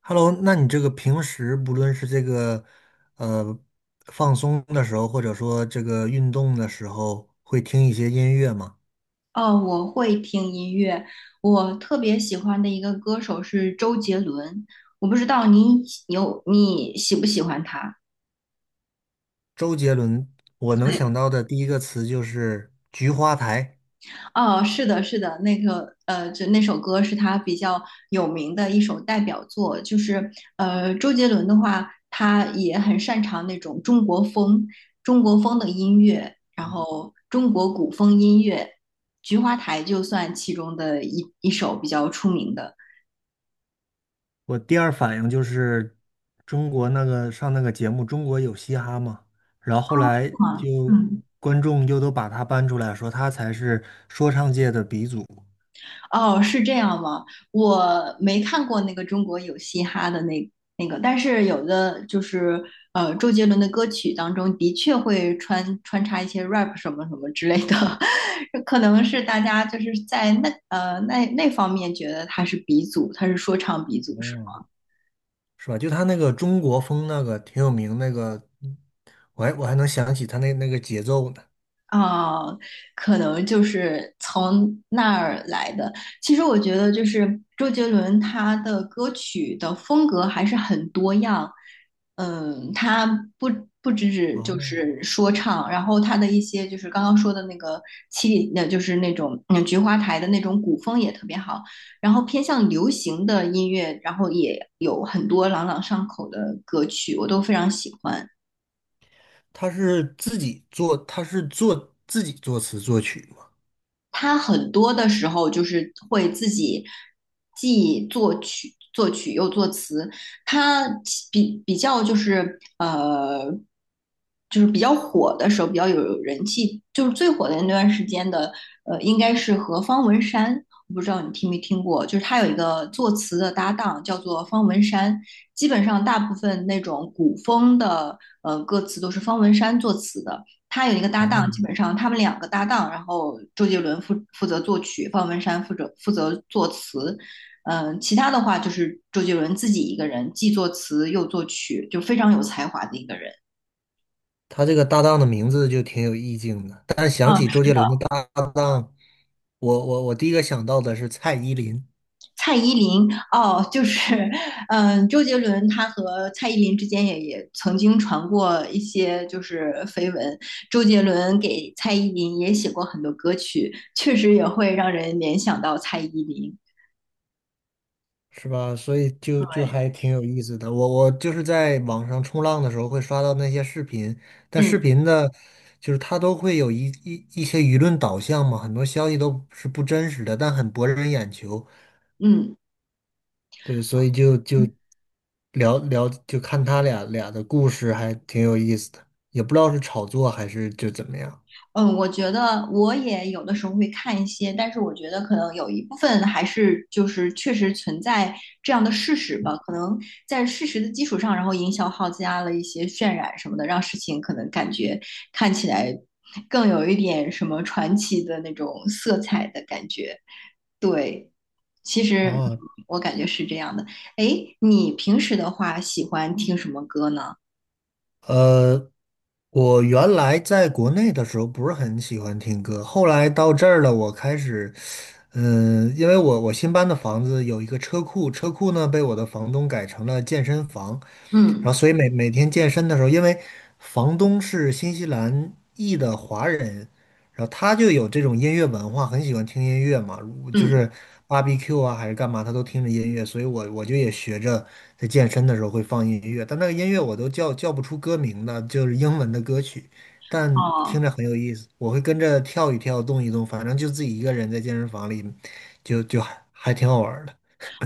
Hello，那你这个平时不论是这个呃放松的时候，或者说这个运动的时候，会听一些音乐吗？哦，我会听音乐，我特别喜欢的一个歌手是周杰伦，我不知道你喜不喜欢他？周杰伦，我能对，想到的第一个词就是《菊花台》，哦，是的，是的，那个就那首歌是他比较有名的一首代表作，就是周杰伦的话，他也很擅长那种中国风的音乐，然后中国古风音乐，《菊花台》就算其中的一首比较出名的。我第二反应就是中国那个上那个节目《中国有嘻哈》嘛，然后后来啊，就嗯。观众又都把他搬出来说他才是说唱界的鼻祖。哦，是这样吗？我没看过那个中国有嘻哈的那个，但是有的就是周杰伦的歌曲当中的确会穿插一些 rap 什么什么之类的，可能是大家就是在那方面觉得他是鼻祖，他是说唱鼻祖，是吧？嗯。是吧？就他那个中国风那个挺有名那个，我还能想起他那个节奏呢。啊，可能就是从那儿来的。其实我觉得，就是周杰伦他的歌曲的风格还是很多样。嗯，他不不只就哦，是说唱，然后他的一些就是刚刚说的那个就是那种菊花台的那种古风也特别好。然后偏向流行的音乐，然后也有很多朗朗上口的歌曲，我都非常喜欢。他是做自己作词作曲嘛。他很多的时候就是会自己既作曲又作词，他比较就是就是比较火的时候，比较有人气，就是最火的那段时间的，应该是和方文山，我不知道你听没听过，就是他有一个作词的搭档叫做方文山，基本上大部分那种古风的歌词都是方文山作词的，他有一个搭档，哦，基本上他们两个搭档，然后周杰伦负责作曲，方文山负责作词，其他的话就是周杰伦自己一个人，既作词又作曲，就非常有才华的一个人。他这个搭档的名字就挺有意境的。但是想嗯，起周杰伦的搭档，我第一个想到的是蔡依林。蔡依林哦，就是，嗯，周杰伦他和蔡依林之间也曾经传过一些就是绯闻，周杰伦给蔡依林也写过很多歌曲，确实也会让人联想到蔡依林。是吧？所以就对，还挺有意思的。我就是在网上冲浪的时候会刷到那些视频，但视嗯频的，就是它都会有一些舆论导向嘛，很多消息都是不真实的，但很博人眼球。嗯，对，所以就聊聊，就看他俩的故事，还挺有意思的。也不知道是炒作还是就怎么样。嗯，我觉得我也有的时候会看一些，但是我觉得可能有一部分还是就是确实存在这样的事实吧，可能在事实的基础上，然后营销号加了一些渲染什么的，让事情可能感觉看起来更有一点什么传奇的那种色彩的感觉。对，其实啊？我感觉是这样的。哎，你平时的话喜欢听什么歌呢？呃。我原来在国内的时候不是很喜欢听歌，后来到这儿了，我开始，因为我新搬的房子有一个车库，车库呢被我的房东改成了健身房，嗯然后所以每天健身的时候，因为房东是新西兰裔的华人，然后他就有这种音乐文化，很喜欢听音乐嘛，就嗯，是 BBQ 啊还是干嘛，他都听着音乐，所以我就也学着在健身的时候会放音乐，但那个音乐我都叫不出歌名的，就是英文的歌曲，但听着哦。很有意思，我会跟着跳一跳，动一动，反正就自己一个人在健身房里，就还挺好玩儿的。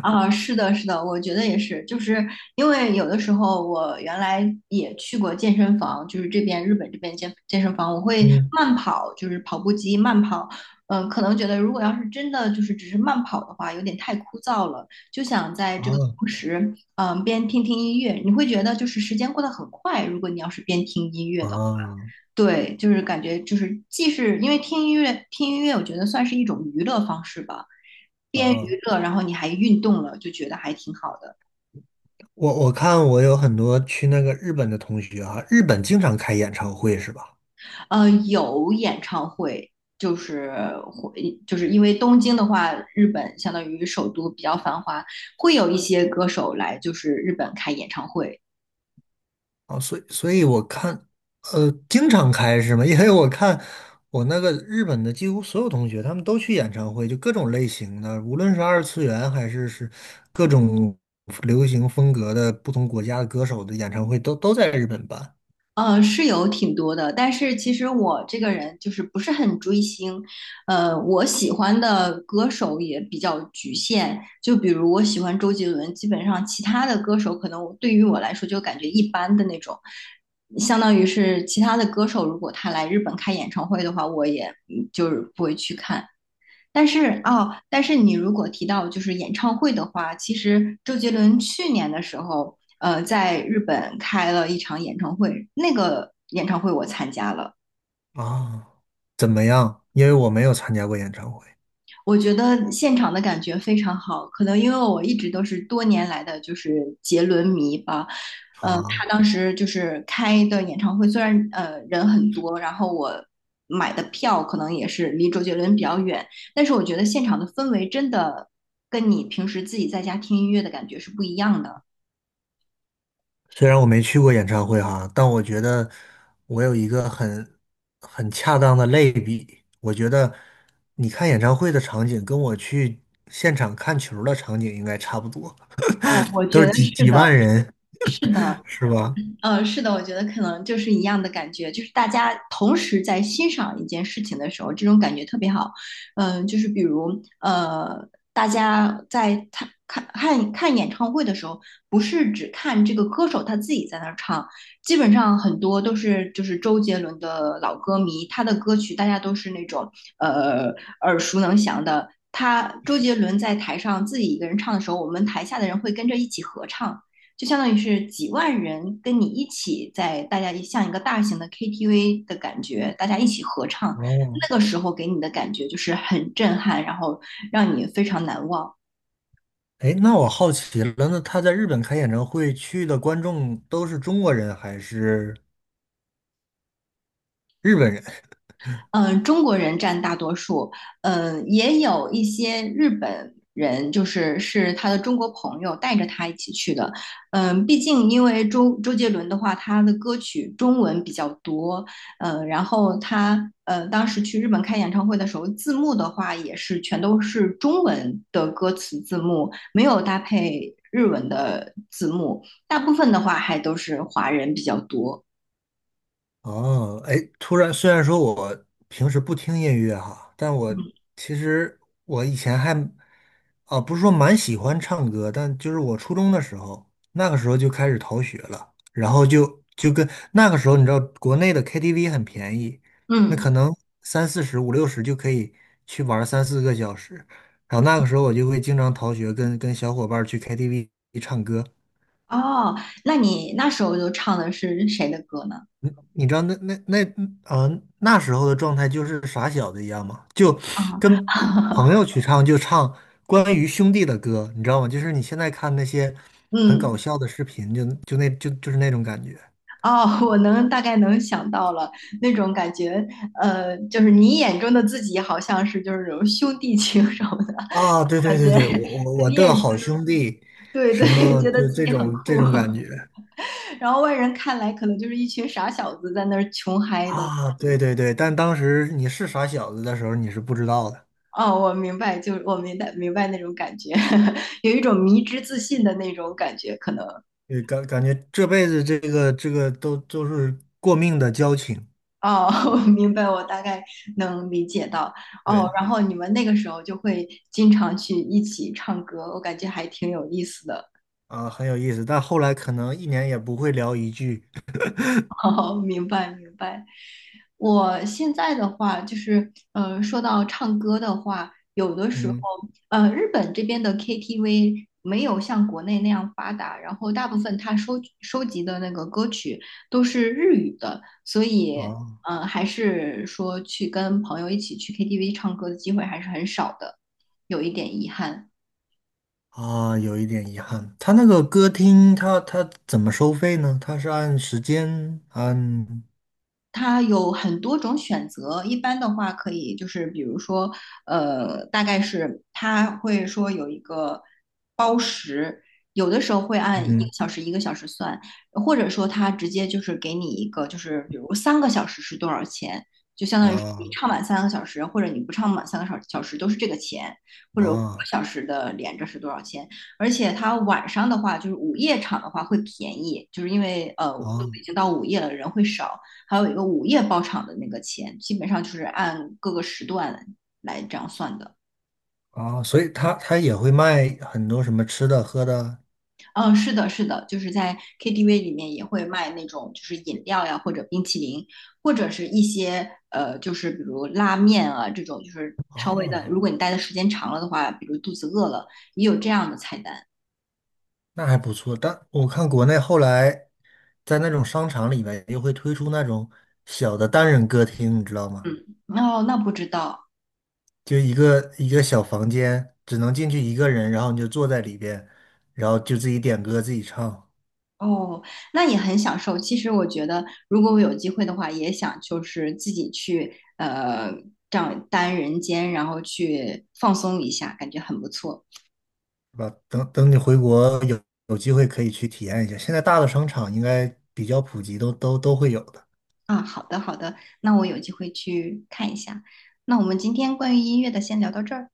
啊，是的，是的，我觉得也是，就是因为有的时候我原来也去过健身房，就是这边日本这边健身房，我会嗯，慢跑，就是跑步机慢跑，可能觉得如果要是真的就是只是慢跑的话，有点太枯燥了，就想在这个啊同时，边听听音乐，你会觉得就是时间过得很快，如果你要是边听音乐啊的话。对，就是感觉就是既是因为听音乐，听音乐我觉得算是一种娱乐方式吧，边啊！娱乐然后你还运动了，就觉得还挺好的。我看我有很多去那个日本的同学啊，日本经常开演唱会是吧？有演唱会，就是会就是因为东京的话，日本相当于首都比较繁华，会有一些歌手来就是日本开演唱会。哦，所以我看，经常开是吗？因为我看我那个日本的几乎所有同学，他们都去演唱会，就各种类型的，无论是二次元还是各种流行风格的不同国家的歌手的演唱会都在日本办是有挺多的，但是其实我这个人就是不是很追星，我喜欢的歌手也比较局限，就比如我喜欢周杰伦，基本上其他的歌手可能对于我来说就感觉一般的那种，相当于是其他的歌手如果他来日本开演唱会的话，我也就是不会去看。但是你如果提到就是演唱会的话，其实周杰伦去年的时候，在日本开了一场演唱会，那个演唱会我参加了。啊。怎么样？因为我没有参加过演唱会我觉得现场的感觉非常好，可能因为我一直都是多年来的就是杰伦迷吧。他啊。当时就是开的演唱会，虽然人很多，然后我买的票可能也是离周杰伦比较远，但是我觉得现场的氛围真的跟你平时自己在家听音乐的感觉是不一样的。虽然我没去过演唱会哈，但我觉得我有一个很恰当的类比。我觉得你看演唱会的场景跟我去现场看球儿的场景应该差不多，哦，我都觉是得几是几的，万人，是的。是吧？是的，我觉得可能就是一样的感觉，就是大家同时在欣赏一件事情的时候，这种感觉特别好。就是比如大家在看演唱会的时候，不是只看这个歌手他自己在那儿唱，基本上很多都是就是周杰伦的老歌迷，他的歌曲大家都是那种呃耳熟能详的。他周杰伦在台上自己一个人唱的时候，我们台下的人会跟着一起合唱，就相当于是几万人跟你一起在大家像一个大型的 KTV 的感觉，大家一起合唱，哦，那个时候给你的感觉就是很震撼，然后让你非常难忘。哎，那我好奇了，那他在日本开演唱会去的观众都是中国人还是？日本人？嗯，中国人占大多数，嗯，也有一些日本人，就是是他的中国朋友带着他一起去的。毕竟因为周杰伦的话，他的歌曲中文比较多，嗯，然后他当时去日本开演唱会的时候，字幕的话也是全都是中文的歌词字幕，没有搭配日文的字幕，大部分的话还都是华人比较多。哦，哎，突然，虽然说我平时不听音乐哈，但我嗯其实我以前还，啊，不是说蛮喜欢唱歌，但就是我初中的时候，那个时候就开始逃学了，然后就跟那个时候，你知道国内的 KTV 很便宜，那嗯。可能三四十、五六十就可以去玩三四个小时，然后那个时候我就会经常逃学跟小伙伴儿去 KTV 唱歌，哦，那你那时候都唱的是谁的歌呢？你知道那时候的状态就是傻小子一样嘛，就啊，跟 朋友去唱就唱关于兄弟的歌，你知道吗？就是你现在看那些很搞嗯，笑的视频，就是那种感觉哦，我能大概能想到了那种感觉，就是你眼中的自己好像是就是那种兄弟情什么的啊，对对感对觉，对，我我 我你眼的中的好兄弟，对什对，么觉得就自这己很种这酷，种感觉 然后外人看来可能就是一群傻小子在那儿穷嗨的。啊，对对对，但当时你是傻小子的时候，你是不知道的，哦，我明白，就我明白那种感觉，有一种迷之自信的那种感觉，可能。对，感觉这辈子这个都是过命的交情，哦，我明白，我大概能理解到。哦，对。然后你们那个时候就会经常去一起唱歌，我感觉还挺有意思的。啊，很有意思，但后来可能一年也不会聊一句，哦，明白明白。我现在的话，就是说到唱歌的话，有的时候，嗯，日本这边的 KTV 没有像国内那样发达，然后大部分他收集的那个歌曲都是日语的，所以哦，还是说去跟朋友一起去 KTV 唱歌的机会还是很少的，有一点遗憾。啊，有一点遗憾。他那个歌厅，他怎么收费呢？他是按时间，按，它有很多种选择，一般的话可以就是比如说，大概是它会说有一个包时，有的时候会按一嗯，个小时一个小时算，或者说它直接就是给你一个就是比如三个小时是多少钱，就相当于是你啊唱满三个小时，或者你不唱满三个小时都是这个钱，或者五啊个小时的连着是多少钱，而且它晚上的话就是午夜场的话会便宜，就是因为都啊已经到午夜了，人会少。还有一个午夜包场的那个钱，基本上就是按各个时段来这样算的。啊，所以他也会卖很多什么吃的喝的，嗯，是的，是的，就是在 KTV 里面也会卖那种就是饮料呀，或者冰淇淋，或者是一些就是比如拉面啊这种，就是稍微的，如哦，果你待的时间长了的话，比如肚子饿了，也有这样的菜单。那还不错。但我看国内后来在那种商场里面又会推出那种小的单人歌厅，你知道吗？嗯，哦，那不知道。就一个一个小房间，只能进去一个人，然后你就坐在里边，然后就自己点歌自己唱，哦，那也很享受。其实我觉得，如果我有机会的话，也想就是自己去这样单人间，然后去放松一下，感觉很不错是吧？等等你回国有机会可以去体验一下。现在大的商场应该比较普及，都会有的。啊。好的，好的，那我有机会去看一下。那我们今天关于音乐的先聊到这儿。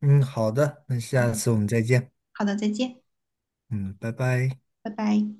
嗯，好的，那好下的，次我们再见。好的，再见，嗯，拜拜。拜拜。